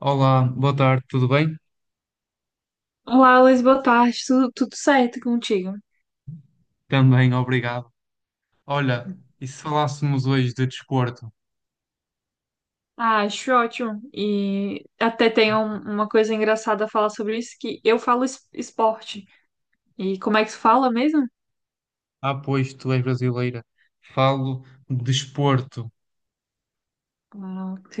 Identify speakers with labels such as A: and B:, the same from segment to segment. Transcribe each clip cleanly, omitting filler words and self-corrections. A: Olá, boa tarde, tudo bem?
B: Olá, Luiz, boa tarde. Tudo certo contigo?
A: Também, obrigado. Olha, e se falássemos hoje de desporto?
B: Ah, acho ótimo. E até tem uma coisa engraçada a falar sobre isso, que eu falo esporte. E como é que se fala mesmo?
A: Ah, pois tu és brasileira. Falo de desporto.
B: Ah, ok.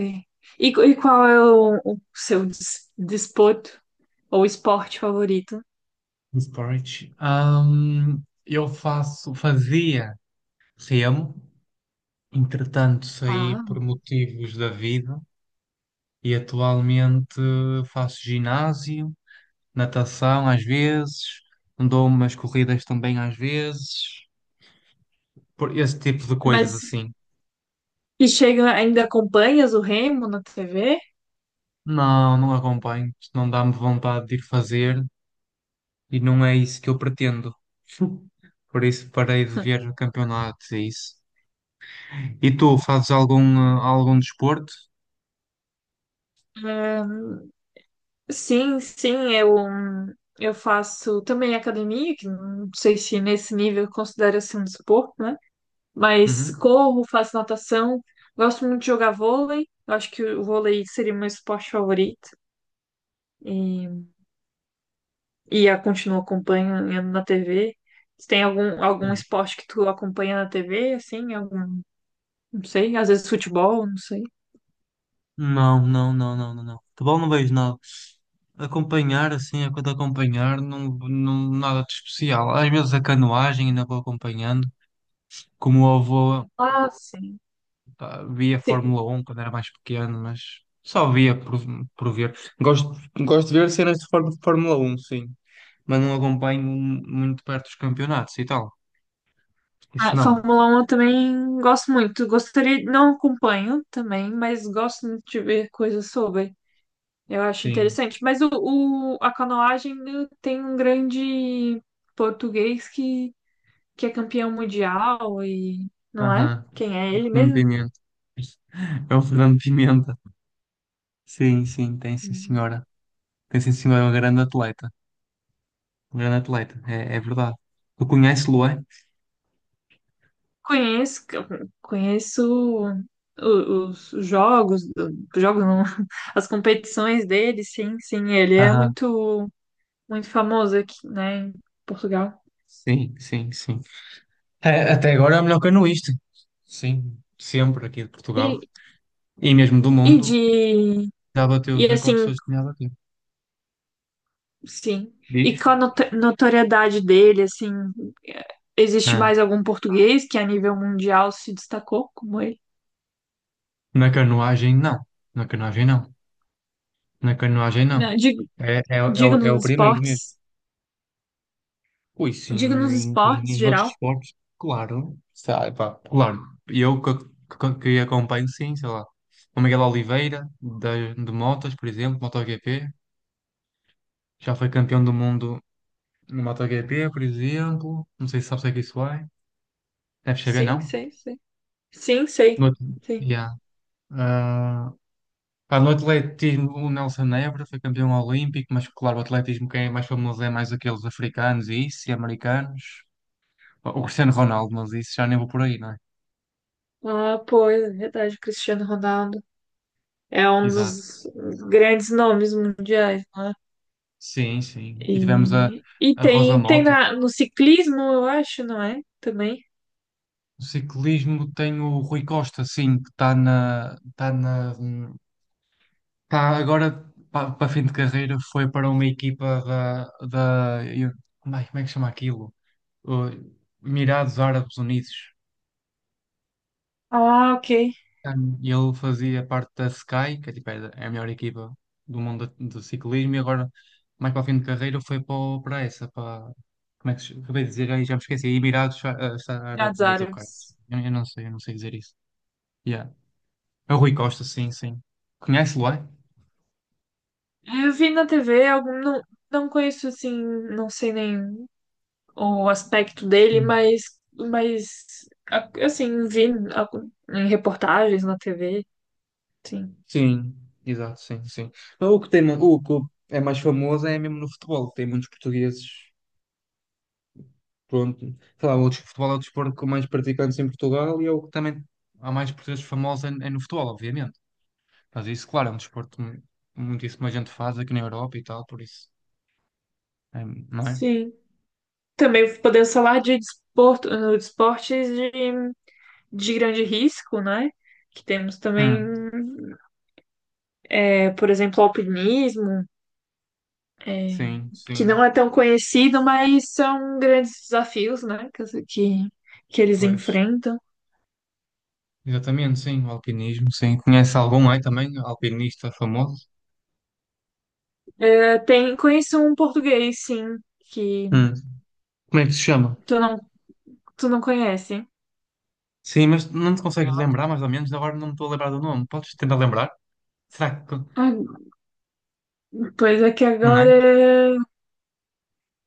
B: E, e qual é o seu desporto ou esporte favorito?
A: Esporte. Eu fazia remo, entretanto saí
B: Ah,
A: por motivos da vida e atualmente faço ginásio, natação às vezes, dou umas corridas também às vezes, por esse tipo de coisas
B: mas
A: assim.
B: e chega, ainda acompanhas o Remo na TV?
A: Não, não acompanho. Isto não dá-me vontade de ir fazer e não é isso que eu pretendo. Por isso parei de ver campeonatos e isso. E tu, fazes algum, algum desporto?
B: Sim, sim, eu faço também academia, que não sei se nesse nível considera-se um desporto, né? Mas
A: Uhum.
B: corro, faço natação, gosto muito de jogar vôlei, eu acho que o vôlei seria meu esporte favorito e, e eu continuo acompanhando na TV. Se tem algum
A: Sim.
B: esporte que tu acompanha na TV, assim, algum, não sei, às vezes futebol, não sei.
A: Não, não, não, não, não, não. Futebol não vejo nada. Acompanhar, assim, é quando acompanhar, não, não, nada de especial. Às vezes a canoagem ainda vou acompanhando. Como o avô.
B: Ah, sim.
A: Pá, via Fórmula 1 quando era mais pequeno, mas só via por ver. Gosto de ver cenas de Fórmula 1, sim, mas não acompanho muito de perto os campeonatos e tal. Isso
B: Ah,
A: não.
B: Fórmula 1 eu também gosto muito. Gostaria, não acompanho também, mas gosto muito de ver coisas sobre. Eu acho
A: Sim.
B: interessante. Mas a canoagem né, tem um grande português que é campeão mundial e não é?
A: Aham.
B: Quem é
A: O
B: ele
A: Fernando
B: mesmo?
A: Pimenta. É o Fernando Pimenta. Sim, sim, tem sim,
B: Hum.
A: senhora. Tem sim, senhora, é um grande atleta. Um grande atleta, é, é verdade. Tu conhece lo é?
B: Conheço, conheço os jogos, jogos não, as competições dele, sim, sim, ele é
A: Aham.
B: muito, muito famoso aqui, né, em Portugal.
A: Sim, sim, sim. É, até agora é o melhor canoista. Sim, sempre aqui de Portugal.
B: E
A: E mesmo do
B: E
A: mundo,
B: de.
A: já bateu os
B: E
A: recordes
B: assim,
A: todos que tinha a bater.
B: sim. E
A: Diz?
B: com a notoriedade dele, assim, é, existe
A: Ah,
B: mais algum português que a nível mundial se destacou como ele?
A: na canoagem, não. Na canoagem, não. Na canoagem, não.
B: Não, digo, digo
A: É o
B: nos
A: primeiro mesmo.
B: esportes.
A: Ui, sim,
B: Digo nos
A: em,
B: esportes,
A: em, em outros
B: geral.
A: esportes, claro. Sabe, pá, claro. Eu que acompanho, sim, sei lá. O Miguel Oliveira, de motas, por exemplo, MotoGP. Já foi campeão do mundo no MotoGP, por exemplo. Não sei se sabes o que é que isso é. Deve saber,
B: Sim,
A: não?
B: sei, sei. Sim,
A: No,
B: sei.
A: outro-
B: Sim.
A: Yeah. Ah, pá, no atletismo, o Nelson Évora foi campeão olímpico, mas claro, o atletismo quem é mais famoso é mais aqueles africanos e isso, e americanos. Pá, o Cristiano Ronaldo, mas isso já nem vou por aí, não é?
B: Ah, pois, é verdade, Cristiano Ronaldo é um
A: Exato.
B: dos grandes nomes mundiais, não é?
A: Sim, sim. E tivemos a,
B: E
A: a Rosa
B: tem, tem
A: Mota.
B: no ciclismo, eu acho, não é? Também.
A: No ciclismo tem o Rui Costa, sim, que está agora para fim de carreira, foi para uma equipa da, ai, como é que chama aquilo? O Emirados Árabes Unidos.
B: Ah, ok.
A: E ele fazia parte da Sky, que é, tipo, é a melhor equipa do mundo do ciclismo, e agora, mais para o fim de carreira, foi para essa, para. Como é que se acabei de dizer? Aí já me esqueci. Emirados, Árabes
B: Emirados
A: Unidos, ou caralho.
B: Árabes.
A: Eu não sei dizer isso. Yeah. É o Rui Costa, sim, sim. Conhece-lo, é?
B: Eu vi na TV, algum, não, não conheço assim, não sei nem o aspecto dele,
A: Sim.
B: mas, assim, vi a- em reportagens na TV, sim.
A: Sim, exato, sim, sim. O que é mais famoso é mesmo no futebol, tem muitos portugueses. Pronto, sei lá, o futebol é o desporto com mais praticantes em Portugal e é o que também há mais portugueses famosos é, é no futebol, obviamente. Mas isso, claro, é um desporto muitíssima gente faz aqui na Europa e tal, por isso, é, não é?
B: Sim. Também podemos falar de desporto, de esportes de grande risco, né? Que temos também,
A: Hum,
B: é, por exemplo, alpinismo, é,
A: sim,
B: que
A: sim,
B: não é tão conhecido, mas são grandes desafios, né? Que eles
A: pois,
B: enfrentam.
A: exatamente, sim, o alpinismo, sim. Conhece algum aí também, alpinista famoso?
B: Tem, conheço um português, sim, que
A: Hum, como é que se chama?
B: tu não, tu não conhece.
A: Sim, mas não te consegues lembrar mais ou menos, agora não me estou a lembrar do nome. Podes tentar lembrar? Será que,
B: Ah, pois é que
A: não é?
B: agora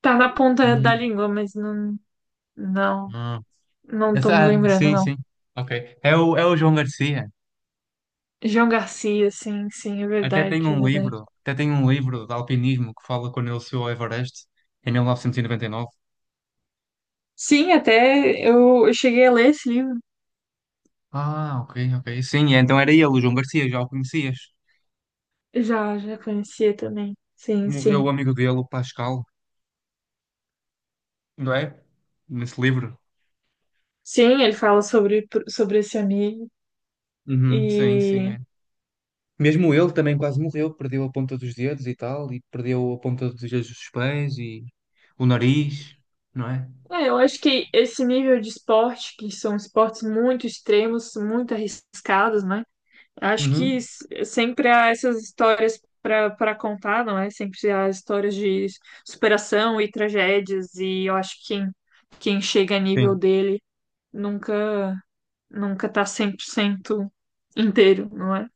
B: tá na ponta da
A: Hum,
B: língua, mas não,
A: hum.
B: não tô me
A: Essa,
B: lembrando,
A: sim,
B: não.
A: sim. Ok. É o João Garcia.
B: João Garcia, sim, sim, é
A: Até tem
B: verdade, é
A: um
B: verdade.
A: livro, até tem um livro de alpinismo que fala quando ele subiu ao Everest em mil novecentos e noventa e nove.
B: Sim, até eu cheguei a ler esse livro.
A: Ah, ok, ok. Sim, é, então era ele, o João Garcia, já o conhecias.
B: Já, já conhecia também. Sim,
A: Morreu
B: sim.
A: o amigo dele, o Pascal, não é? Nesse livro.
B: Sim, ele fala sobre esse amigo
A: Uhum, sim, sim,
B: e
A: é. Mesmo ele também quase morreu, perdeu a ponta dos dedos e tal, e perdeu a ponta dos dedos dos pés e o nariz, não é?
B: é, eu acho que esse nível de esporte, que são esportes muito extremos, muito arriscados, né? Acho que
A: Uhum.
B: sempre há essas histórias para para contar, não é? Sempre há histórias de superação e tragédias, e eu acho que quem chega a nível
A: Sim,
B: dele nunca nunca tá 100% inteiro, não é?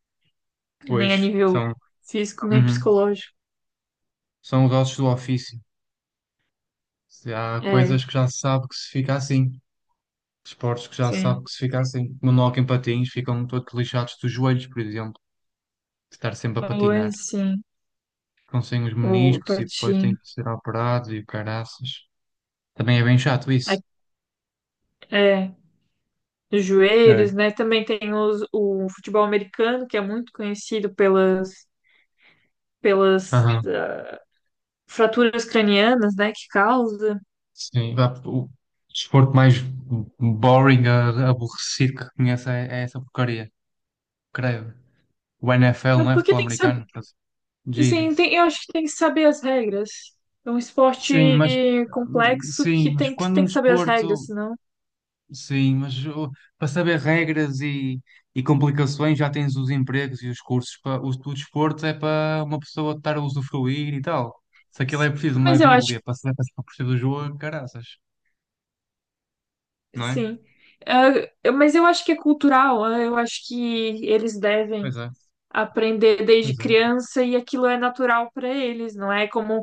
B: Nem a
A: pois
B: nível físico, nem
A: uhum,
B: psicológico.
A: são os ossos do ofício. Se há coisas
B: É,
A: que já se sabe que se fica assim. Esportes que já se sabe
B: sim.
A: que se fica assim. Como no hockey em patins, ficam todos lixados dos joelhos, por exemplo. De estar sempre a
B: Oi,
A: patinar.
B: sim.
A: Ficam sem os
B: O
A: meniscos e depois têm
B: patim.
A: que ser operados e o caraças. Também é bem chato isso.
B: É, os joelhos,
A: É.
B: né? Também tem os, o futebol americano, que é muito conhecido pelas
A: Aham,
B: fraturas cranianas, né, que causa.
A: sim. Vá, o desporto mais boring, aborrecido que conheço é, essa porcaria, creio. O NFL,
B: É
A: não é?
B: porque
A: Futebol
B: tem que saber,
A: americano. Quer dizer,
B: assim,
A: Jesus.
B: tem- eu acho que tem que saber as regras. É um esporte
A: Sim, mas
B: complexo
A: sim,
B: que
A: mas
B: tem que,
A: quando
B: tem
A: um
B: que saber as regras,
A: desporto.
B: senão.
A: Sim, mas para saber regras e complicações já tens os empregos e os cursos. Para, o desporto é para uma pessoa estar a usufruir e tal. Se aquilo é
B: Sim,
A: preciso uma
B: mas eu acho
A: bíblia para saber passar por cima do jogo, caraças,
B: que
A: não é?
B: sim. É, mas eu acho que é cultural, é, eu acho que eles devem
A: Pois é,
B: aprender desde
A: pois é.
B: criança e aquilo é natural para eles, não é como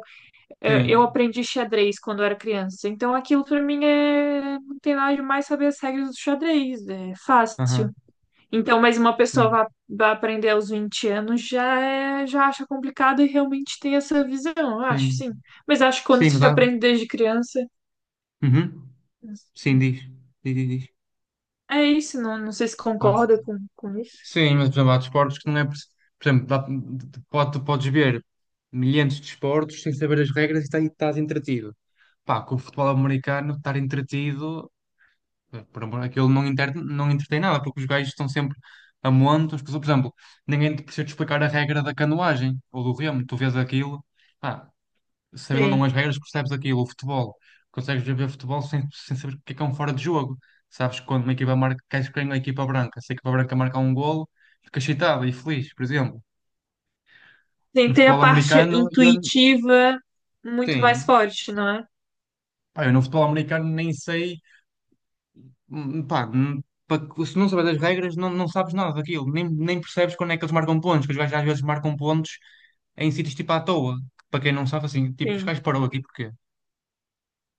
B: eu
A: Sim,
B: aprendi xadrez quando eu era criança. Então aquilo para mim é não tem nada demais saber as regras do xadrez, é fácil.
A: aham,
B: Então, mas uma pessoa
A: sim,
B: vai aprender aos 20 anos já é, já acha complicado e realmente tem essa visão, eu acho,
A: sim.
B: sim. Mas acho que quando
A: Sim, mas
B: se
A: há-
B: aprende desde criança,
A: Uhum. Sim, diz.
B: é isso, não, não sei se
A: Ah.
B: concorda com isso.
A: Sim, mas por exemplo, há desportos que não é. Por exemplo, tu podes ver milhares de desportos sem saber as regras e e estás entretido. Pá, com o futebol americano, estar entretido, por amor, aquilo não, não entretém nada, porque os gajos estão sempre a monte. As pessoas, por exemplo, ninguém te precisa te explicar a regra da canoagem ou do remo, tu vês aquilo sabendo ou não
B: Sim.
A: as regras, percebes aquilo, o futebol. Consegues ver futebol sem saber o que é um fora de jogo. Sabes que quando uma equipa marca, queres que ganhe a equipa branca. Se a equipa branca marcar um golo, fica excitado e feliz, por exemplo.
B: Sim,
A: No
B: tem a
A: futebol
B: parte
A: americano,
B: intuitiva muito mais
A: sim,
B: forte, não é?
A: pá, eu no futebol americano nem sei, hum, pá, hum, pa- se não sabes as regras, não, não sabes nada daquilo, nem percebes quando é que eles marcam pontos, que os gajos às vezes marcam pontos em sítios tipo à toa, que para quem não sabe, assim, tipo, os
B: Sim.
A: gajos parou aqui porquê?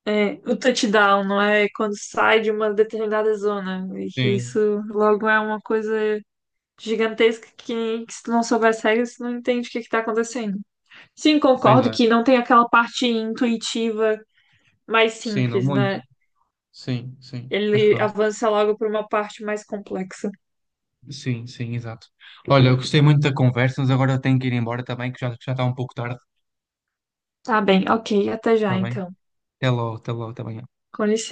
B: É, o touchdown, não é? Quando sai de uma determinada zona. E que isso
A: Sim,
B: logo é uma coisa gigantesca que se tu não souber as regras, tu não entende o que está acontecendo. Sim,
A: pois
B: concordo
A: é,
B: que não tem aquela parte intuitiva mais
A: sim, não,
B: simples,
A: muito.
B: né?
A: Sim, sim. Mas
B: Ele
A: pronto.
B: avança logo para uma parte mais complexa.
A: Sim, sim, exato. Olha, eu gostei muito da conversa, mas agora eu tenho que ir embora também, que já está um pouco tarde.
B: Tá bem, ok, até já
A: Está bem?
B: então.
A: Até logo, está bem.
B: Com licença.